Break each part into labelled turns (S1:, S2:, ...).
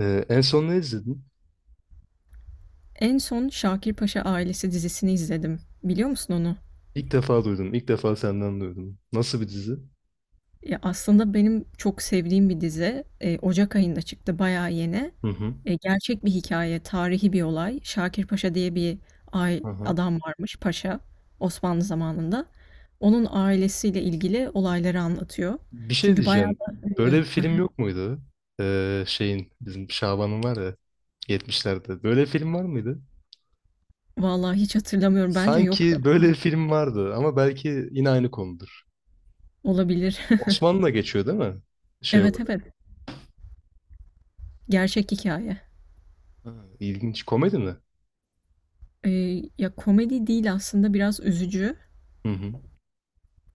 S1: En son ne izledin?
S2: En son Şakir Paşa Ailesi dizisini izledim. Biliyor musun onu?
S1: İlk defa duydum. İlk defa senden duydum. Nasıl bir dizi?
S2: Ya aslında benim çok sevdiğim bir dizi. Ocak ayında çıktı, bayağı yeni.
S1: Hı hı.
S2: Gerçek bir hikaye, tarihi bir olay. Şakir Paşa diye bir
S1: Hı hı.
S2: adam varmış, paşa Osmanlı zamanında. Onun ailesiyle ilgili olayları anlatıyor.
S1: Bir şey
S2: Çünkü bayağı
S1: diyeceğim.
S2: da
S1: Böyle
S2: ünlü.
S1: bir film yok muydu? Şeyin bizim Şaban'ın var ya 70'lerde. Böyle bir film var mıydı?
S2: Vallahi hiç hatırlamıyorum. Bence yoktu
S1: Sanki böyle bir
S2: ama
S1: film vardı ama belki yine aynı konudur.
S2: olabilir.
S1: Osmanlı'da geçiyor değil mi? Şey
S2: Evet,
S1: olarak.
S2: evet. Gerçek hikaye.
S1: Ha, ilginç. Komedi mi?
S2: E, Ya komedi değil aslında biraz üzücü.
S1: Hı hı.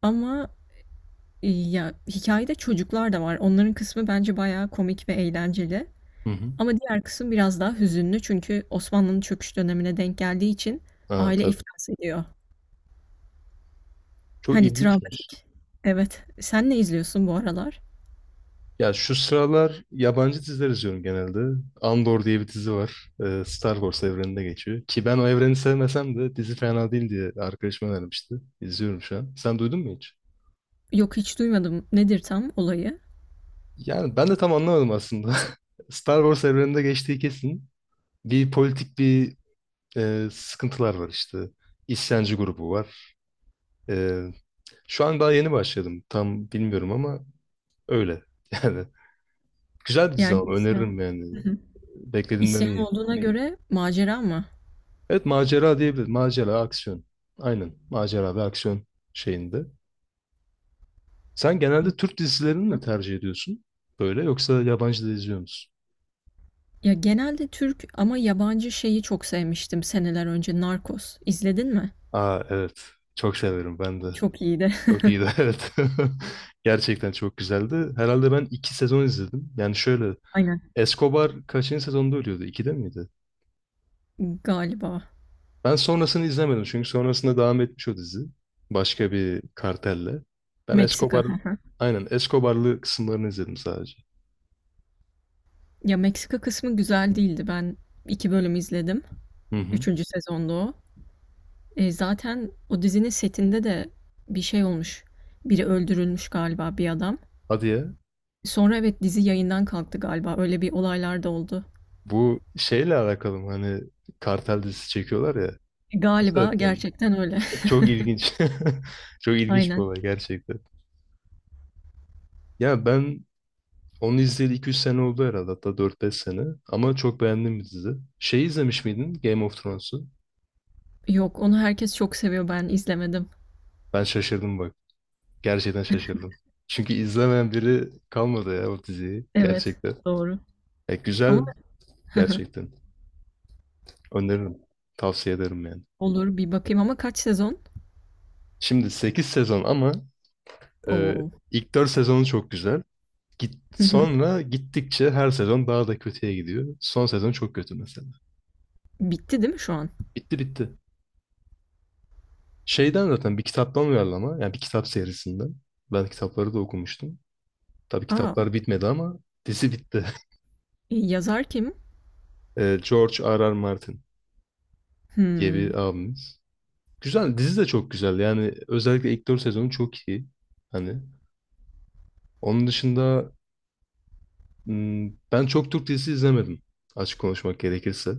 S2: Ama ya, hikâyede çocuklar da var. Onların kısmı bence bayağı komik ve eğlenceli
S1: Hı hı.
S2: ama diğer kısım biraz daha hüzünlü çünkü Osmanlı'nın çöküş dönemine denk geldiği için
S1: Aa,
S2: aile
S1: tabii.
S2: iflas ediyor.
S1: Çok
S2: Hani
S1: ilginçmiş.
S2: travmatik. Evet. Sen ne izliyorsun bu aralar?
S1: Ya şu sıralar yabancı diziler izliyorum genelde. Andor diye bir dizi var. Star Wars evreninde geçiyor. Ki ben o evreni sevmesem de dizi fena değil diye arkadaşım önermişti. İzliyorum şu an. Sen duydun mu hiç?
S2: Yok, hiç duymadım. Nedir tam olayı?
S1: Yani ben de tam anlamadım aslında. Star Wars evreninde geçtiği kesin. Bir politik bir sıkıntılar var işte. İsyancı grubu var. E, Şu an daha yeni başladım. Tam bilmiyorum ama öyle. Yani güzel bir dizi
S2: Yani
S1: ama
S2: isyan.
S1: öneririm yani. Beklediğimden
S2: İsyan
S1: iyi.
S2: olduğuna göre macera mı?
S1: Evet macera diyebilir. Macera, aksiyon. Aynen. Macera ve aksiyon şeyinde. Sen genelde Türk dizilerini mi
S2: Hı.
S1: tercih ediyorsun? Böyle yoksa yabancı da izliyor musun?
S2: Ya, genelde Türk ama yabancı şeyi çok sevmiştim seneler önce, Narcos. İzledin mi?
S1: Aa evet. Çok severim ben de.
S2: Çok iyiydi.
S1: Çok iyiydi evet. Gerçekten çok güzeldi. Herhalde ben 2 sezon izledim. Yani şöyle
S2: Aynen.
S1: Escobar kaçıncı sezonda ölüyordu? İkide miydi?
S2: Galiba.
S1: Ben sonrasını izlemedim çünkü sonrasında devam etmiş o dizi. Başka bir kartelle. Ben
S2: Meksika.
S1: Escobar, aynen Escobar'lı kısımlarını izledim sadece.
S2: Ya, Meksika kısmı güzel değildi. Ben 2 bölüm izledim.
S1: Hı hı.
S2: Üçüncü sezonda o. Zaten o dizinin setinde de bir şey olmuş. Biri öldürülmüş galiba, bir adam.
S1: Hadi ya.
S2: Sonra evet, dizi yayından kalktı galiba. Öyle bir olaylar da oldu.
S1: Bu şeyle alakalı mı? Hani kartel dizisi çekiyorlar ya. Bu
S2: Galiba
S1: sebepten mi?
S2: gerçekten öyle.
S1: Çok ilginç. Çok ilginç bir
S2: Aynen.
S1: olay gerçekten. Ya ben onu izleyeli 2-3 sene oldu herhalde. Hatta 4-5 sene. Ama çok beğendim bir dizi. Şey izlemiş miydin? Game of Thrones'u.
S2: Yok, onu herkes çok seviyor. Ben izlemedim.
S1: Ben şaşırdım bak. Gerçekten şaşırdım. Çünkü izlemeyen biri kalmadı ya o diziyi.
S2: Evet,
S1: Gerçekten.
S2: doğru.
S1: Ya güzel
S2: Ama
S1: gerçekten. Öneririm. Tavsiye ederim yani.
S2: olur, bir bakayım ama kaç sezon?
S1: Şimdi 8 sezon ama e,
S2: Oo.
S1: ilk 4 sezonu çok güzel. Git,
S2: Hı hı.
S1: sonra gittikçe her sezon daha da kötüye gidiyor. Son sezon çok kötü mesela.
S2: Bitti değil mi şu an?
S1: Bitti bitti. Şeyden zaten bir kitaptan uyarlama. Yani bir kitap serisinden. Ben kitapları da okumuştum. Tabii
S2: A!
S1: kitaplar bitmedi ama dizi bitti.
S2: Yazar kim?
S1: George R. R. Martin diye bir
S2: Hımm.
S1: abimiz. Güzel. Dizi de çok güzel. Yani özellikle ilk 4 sezonu çok iyi. Hani onun dışında ben çok Türk dizisi izlemedim. Açık konuşmak gerekirse.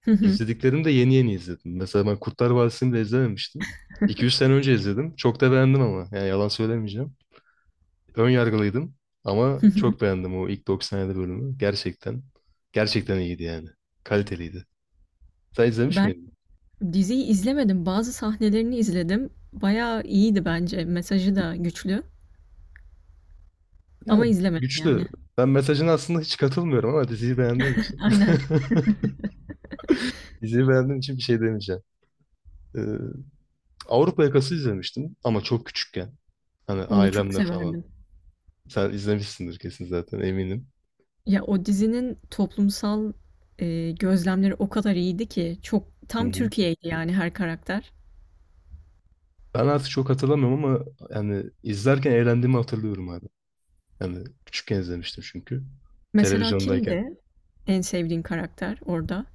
S2: Hı hı.
S1: İzlediklerimi de yeni yeni izledim. Mesela ben Kurtlar Vadisi'ni de izlememiştim. 2-3 sene önce izledim. Çok da beğendim ama. Yani yalan söylemeyeceğim. Ön yargılıydım ama
S2: Hı hı.
S1: çok beğendim o ilk 97 bölümü. Gerçekten. Gerçekten iyiydi yani. Kaliteliydi. Sen izlemiş
S2: Ben
S1: miydin?
S2: diziyi izlemedim. Bazı sahnelerini izledim. Bayağı iyiydi bence. Mesajı da güçlü. Ama
S1: Yani
S2: izlemedim
S1: güçlü.
S2: yani.
S1: Ben mesajına aslında hiç katılmıyorum ama diziyi beğendiğim için.
S2: Aynen.
S1: Diziyi beğendiğim için bir şey demeyeceğim. Ee, Avrupa Yakası izlemiştim ama çok küçükken. Hani
S2: Onu çok
S1: ailemle falan.
S2: severdim.
S1: Sen izlemişsindir kesin zaten eminim.
S2: Ya o dizinin toplumsal gözlemleri o kadar iyiydi ki çok
S1: Hı
S2: tam
S1: hı.
S2: Türkiye'ydi yani her karakter.
S1: Ben artık çok hatırlamıyorum ama yani izlerken eğlendiğimi hatırlıyorum abi. Yani küçükken izlemiştim çünkü.
S2: Mesela
S1: Televizyondayken.
S2: kimdi en sevdiğin karakter orada?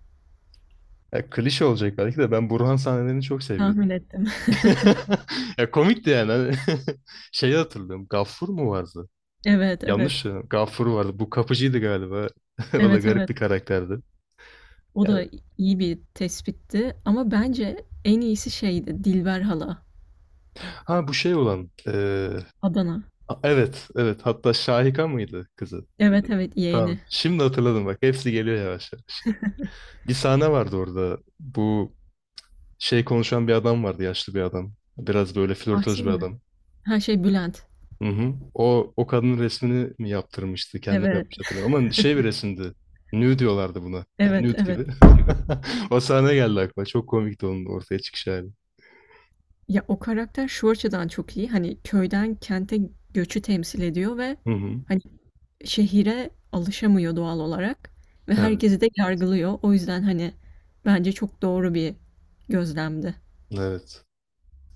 S1: Ya klişe olacak belki de ben Burhan sahnelerini çok seviyordum.
S2: Tahmin ettim.
S1: Ya komikti yani. Hani Şeyi hatırlıyorum. Gaffur mu vardı?
S2: Evet, evet.
S1: Yanlış ya. Gaffur vardı. Bu kapıcıydı galiba. O da
S2: Evet,
S1: garip
S2: evet.
S1: bir karakterdi.
S2: O
S1: Yani
S2: da iyi bir tespitti ama bence en iyisi şeydi Dilber hala
S1: ha bu şey olan.
S2: Adana.
S1: Evet, evet. Hatta Şahika mıydı kızı?
S2: Evet, evet yeğeni.
S1: Tamam. Şimdi hatırladım bak. Hepsi geliyor yavaş yavaş. Bir sahne vardı orada. Bu şey konuşan bir adam vardı, yaşlı bir adam. Biraz böyle flörtöz
S2: Ahsin
S1: bir
S2: mi?
S1: adam.
S2: Ha, şey Bülent.
S1: Hı hı. O kadının resmini mi yaptırmıştı? Kendini
S2: Evet,
S1: yapmış hatırlamıyorum. Ama şey bir resimdi. Nude diyorlardı buna. Yani
S2: evet,
S1: nude
S2: evet.
S1: gibi.
S2: Gibi.
S1: O sahne geldi aklıma. Çok komikti onun ortaya çıkış hali.
S2: Ya o karakter şu açıdan çok iyi. Hani köyden kente göçü temsil ediyor ve
S1: Hı hı.
S2: hani şehire alışamıyor doğal olarak ve
S1: Evet.
S2: herkesi de yargılıyor. O yüzden hani bence çok doğru bir gözlemdi.
S1: Evet.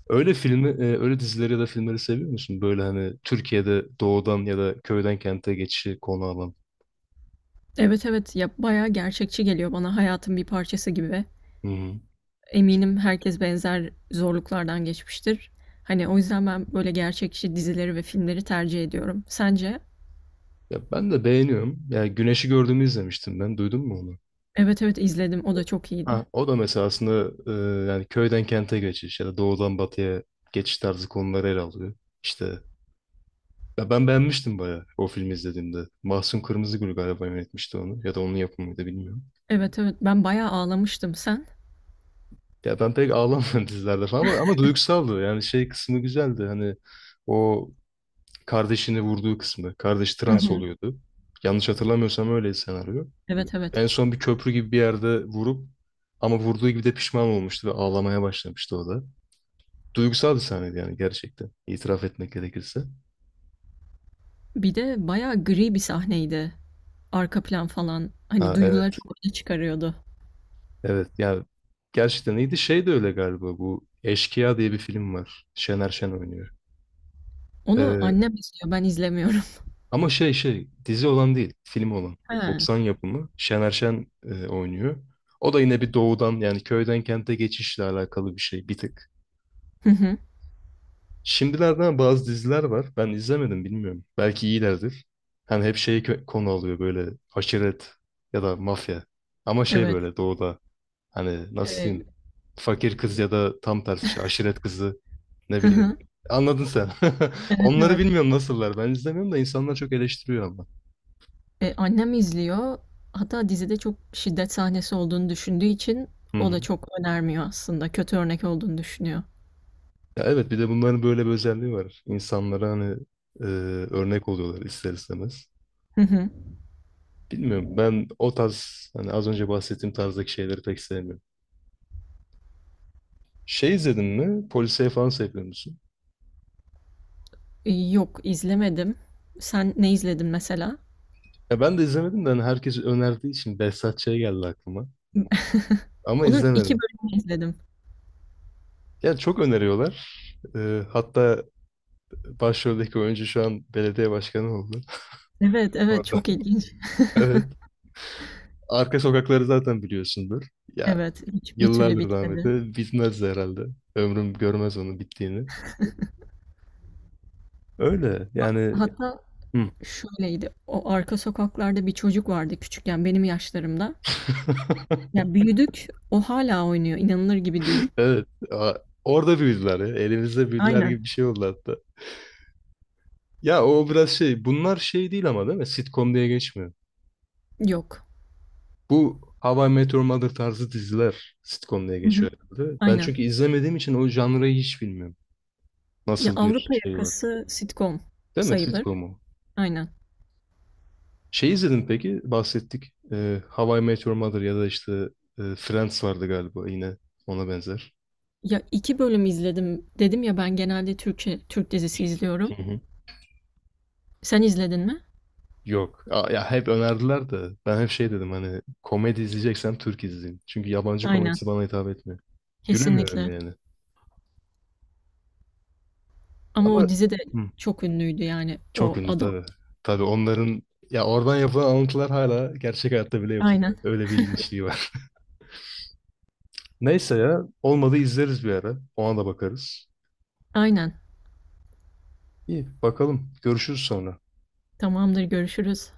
S1: Öyle filmi, öyle dizileri ya da filmleri seviyor musun? Böyle hani Türkiye'de doğudan ya da köyden kente geçişi konu alan.
S2: Evet, evet, ya bayağı gerçekçi geliyor bana hayatın bir parçası gibi.
S1: Hı hı.
S2: Eminim herkes benzer zorluklardan geçmiştir. Hani o yüzden ben böyle gerçekçi dizileri ve filmleri tercih ediyorum. Sence?
S1: Ya ben de beğeniyorum. Ya Güneş'i gördüğümü izlemiştim ben. Duydun mu onu?
S2: Evet, evet izledim. O da çok iyiydi.
S1: Ha, o da mesela aslında yani köyden kente geçiş ya da doğudan batıya geçiş tarzı konuları ele alıyor. İşte ya ben beğenmiştim bayağı o filmi izlediğimde. Mahsun Kırmızıgül galiba yönetmişti onu ya da onun yapımıydı bilmiyorum.
S2: Evet, evet. Ben bayağı ağlamıştım. Sen?
S1: Ya ben pek ağlamadım dizilerde falan ama, duygusaldı. Yani şey kısmı güzeldi hani o kardeşini vurduğu kısmı. Kardeş
S2: Hı
S1: trans
S2: hı.
S1: oluyordu. Yanlış hatırlamıyorsam öyle senaryo.
S2: Evet, evet.
S1: En son bir köprü gibi bir yerde vurup ama vurduğu gibi de pişman olmuştu ve ağlamaya başlamıştı o da. Duygusal bir sahneydi yani gerçekten. İtiraf etmek gerekirse.
S2: Bir de bayağı gri bir sahneydi. Arka plan falan. Hani
S1: Ha,
S2: duyguları
S1: evet.
S2: çok öne çıkarıyordu.
S1: Evet. Yani gerçekten iyiydi. Şey de öyle galiba. Bu Eşkıya diye bir film var. Şener Şen oynuyor.
S2: Onu
S1: Ee,
S2: annem izliyor, ben izlemiyorum.
S1: Ama şey dizi olan değil. Film olan.
S2: He.
S1: 90 yapımı. Şener Şen oynuyor. O da yine bir doğudan yani köyden kente geçişle alakalı bir şey bir tık.
S2: Hı hı.
S1: Şimdilerden bazı diziler var. Ben izlemedim bilmiyorum. Belki iyilerdir. Hani hep şeyi konu alıyor böyle aşiret ya da mafya. Ama şey
S2: Evet.
S1: böyle doğuda, hani nasıl
S2: Eee,
S1: diyeyim? Fakir kız ya da tam tersi işte aşiret kızı ne
S2: hı
S1: bileyim.
S2: hı.
S1: Anladın sen.
S2: Evet,
S1: Onları
S2: evet.
S1: bilmiyorum nasıllar. Ben izlemiyorum da insanlar çok eleştiriyor ama.
S2: Annem izliyor. Hatta dizide çok şiddet sahnesi olduğunu düşündüğü için
S1: Hı
S2: o da
S1: hı.
S2: çok önermiyor aslında. Kötü örnek olduğunu düşünüyor.
S1: Ya evet bir de bunların böyle bir özelliği var. İnsanlara hani e, örnek oluyorlar ister istemez.
S2: Hı hı.
S1: Bilmiyorum ben o tarz hani az önce bahsettiğim tarzdaki şeyleri pek sevmiyorum. Şey izledin mi? Polisiye falan seviyor musun?
S2: Yok, izlemedim. Sen ne izledin mesela?
S1: Ya ben de izlemedim de hani herkes önerdiği için Behzat Ç. geldi aklıma. Ama
S2: Onun 2
S1: izlemedim.
S2: bölümünü izledim.
S1: Ya çok öneriyorlar. Hatta başroldeki oyuncu şu an belediye başkanı oldu.
S2: Evet, evet,
S1: Orada.
S2: çok ilginç.
S1: Evet. Arka sokakları zaten biliyorsundur. Ya
S2: Evet, hiç bir türlü
S1: yıllardır
S2: bitmedi.
S1: rahmetli. Bitmez de herhalde. Ömrüm görmez onun bittiğini. Öyle yani.
S2: Hatta
S1: Hı.
S2: şöyleydi, o arka sokaklarda bir çocuk vardı küçükken benim yaşlarımda. Ya büyüdük, o hala oynuyor, inanılır gibi değil.
S1: Evet. Orada büyüdüler ya. Elimizde büyüdüler
S2: Aynen.
S1: gibi bir şey oldu hatta. Ya o biraz şey. Bunlar şey değil ama değil mi? Sitcom diye geçmiyor.
S2: Yok.
S1: Bu How I Met Your Mother tarzı diziler sitcom diye
S2: Hı hı.
S1: geçiyor herhalde. Ben
S2: Aynen.
S1: çünkü izlemediğim için o janrayı hiç bilmiyorum.
S2: Ya
S1: Nasıl bir
S2: Avrupa
S1: şey var.
S2: Yakası sitcom
S1: Değil mi
S2: sayılır.
S1: sitcomu?
S2: Aynen.
S1: Şey izledin peki bahsettik. How I Met Your Mother ya da işte Friends vardı galiba yine ona benzer.
S2: Ya iki bölüm izledim dedim ya ben genelde Türkçe Türk dizisi
S1: Hı
S2: izliyorum.
S1: hı.
S2: Sen izledin mi?
S1: Yok. Aa, ya hep önerdiler de ben hep şey dedim hani komedi izleyeceksem Türk izleyeyim. Çünkü yabancı
S2: Aynen.
S1: komedisi bana hitap etmiyor.
S2: Kesinlikle.
S1: Gülemiyorum yani.
S2: Ama
S1: Ama
S2: o dizi de
S1: hı,
S2: çok ünlüydü yani
S1: çok
S2: o
S1: ünlü
S2: adam.
S1: tabii. Tabii onların ya oradan yapılan alıntılar hala gerçek hayatta bile
S2: Aynen.
S1: yapılıyor. Öyle bir ilginçliği var. Neyse ya olmadı izleriz bir ara. Ona da bakarız.
S2: Aynen.
S1: İyi bakalım. Görüşürüz sonra.
S2: Tamamdır, görüşürüz.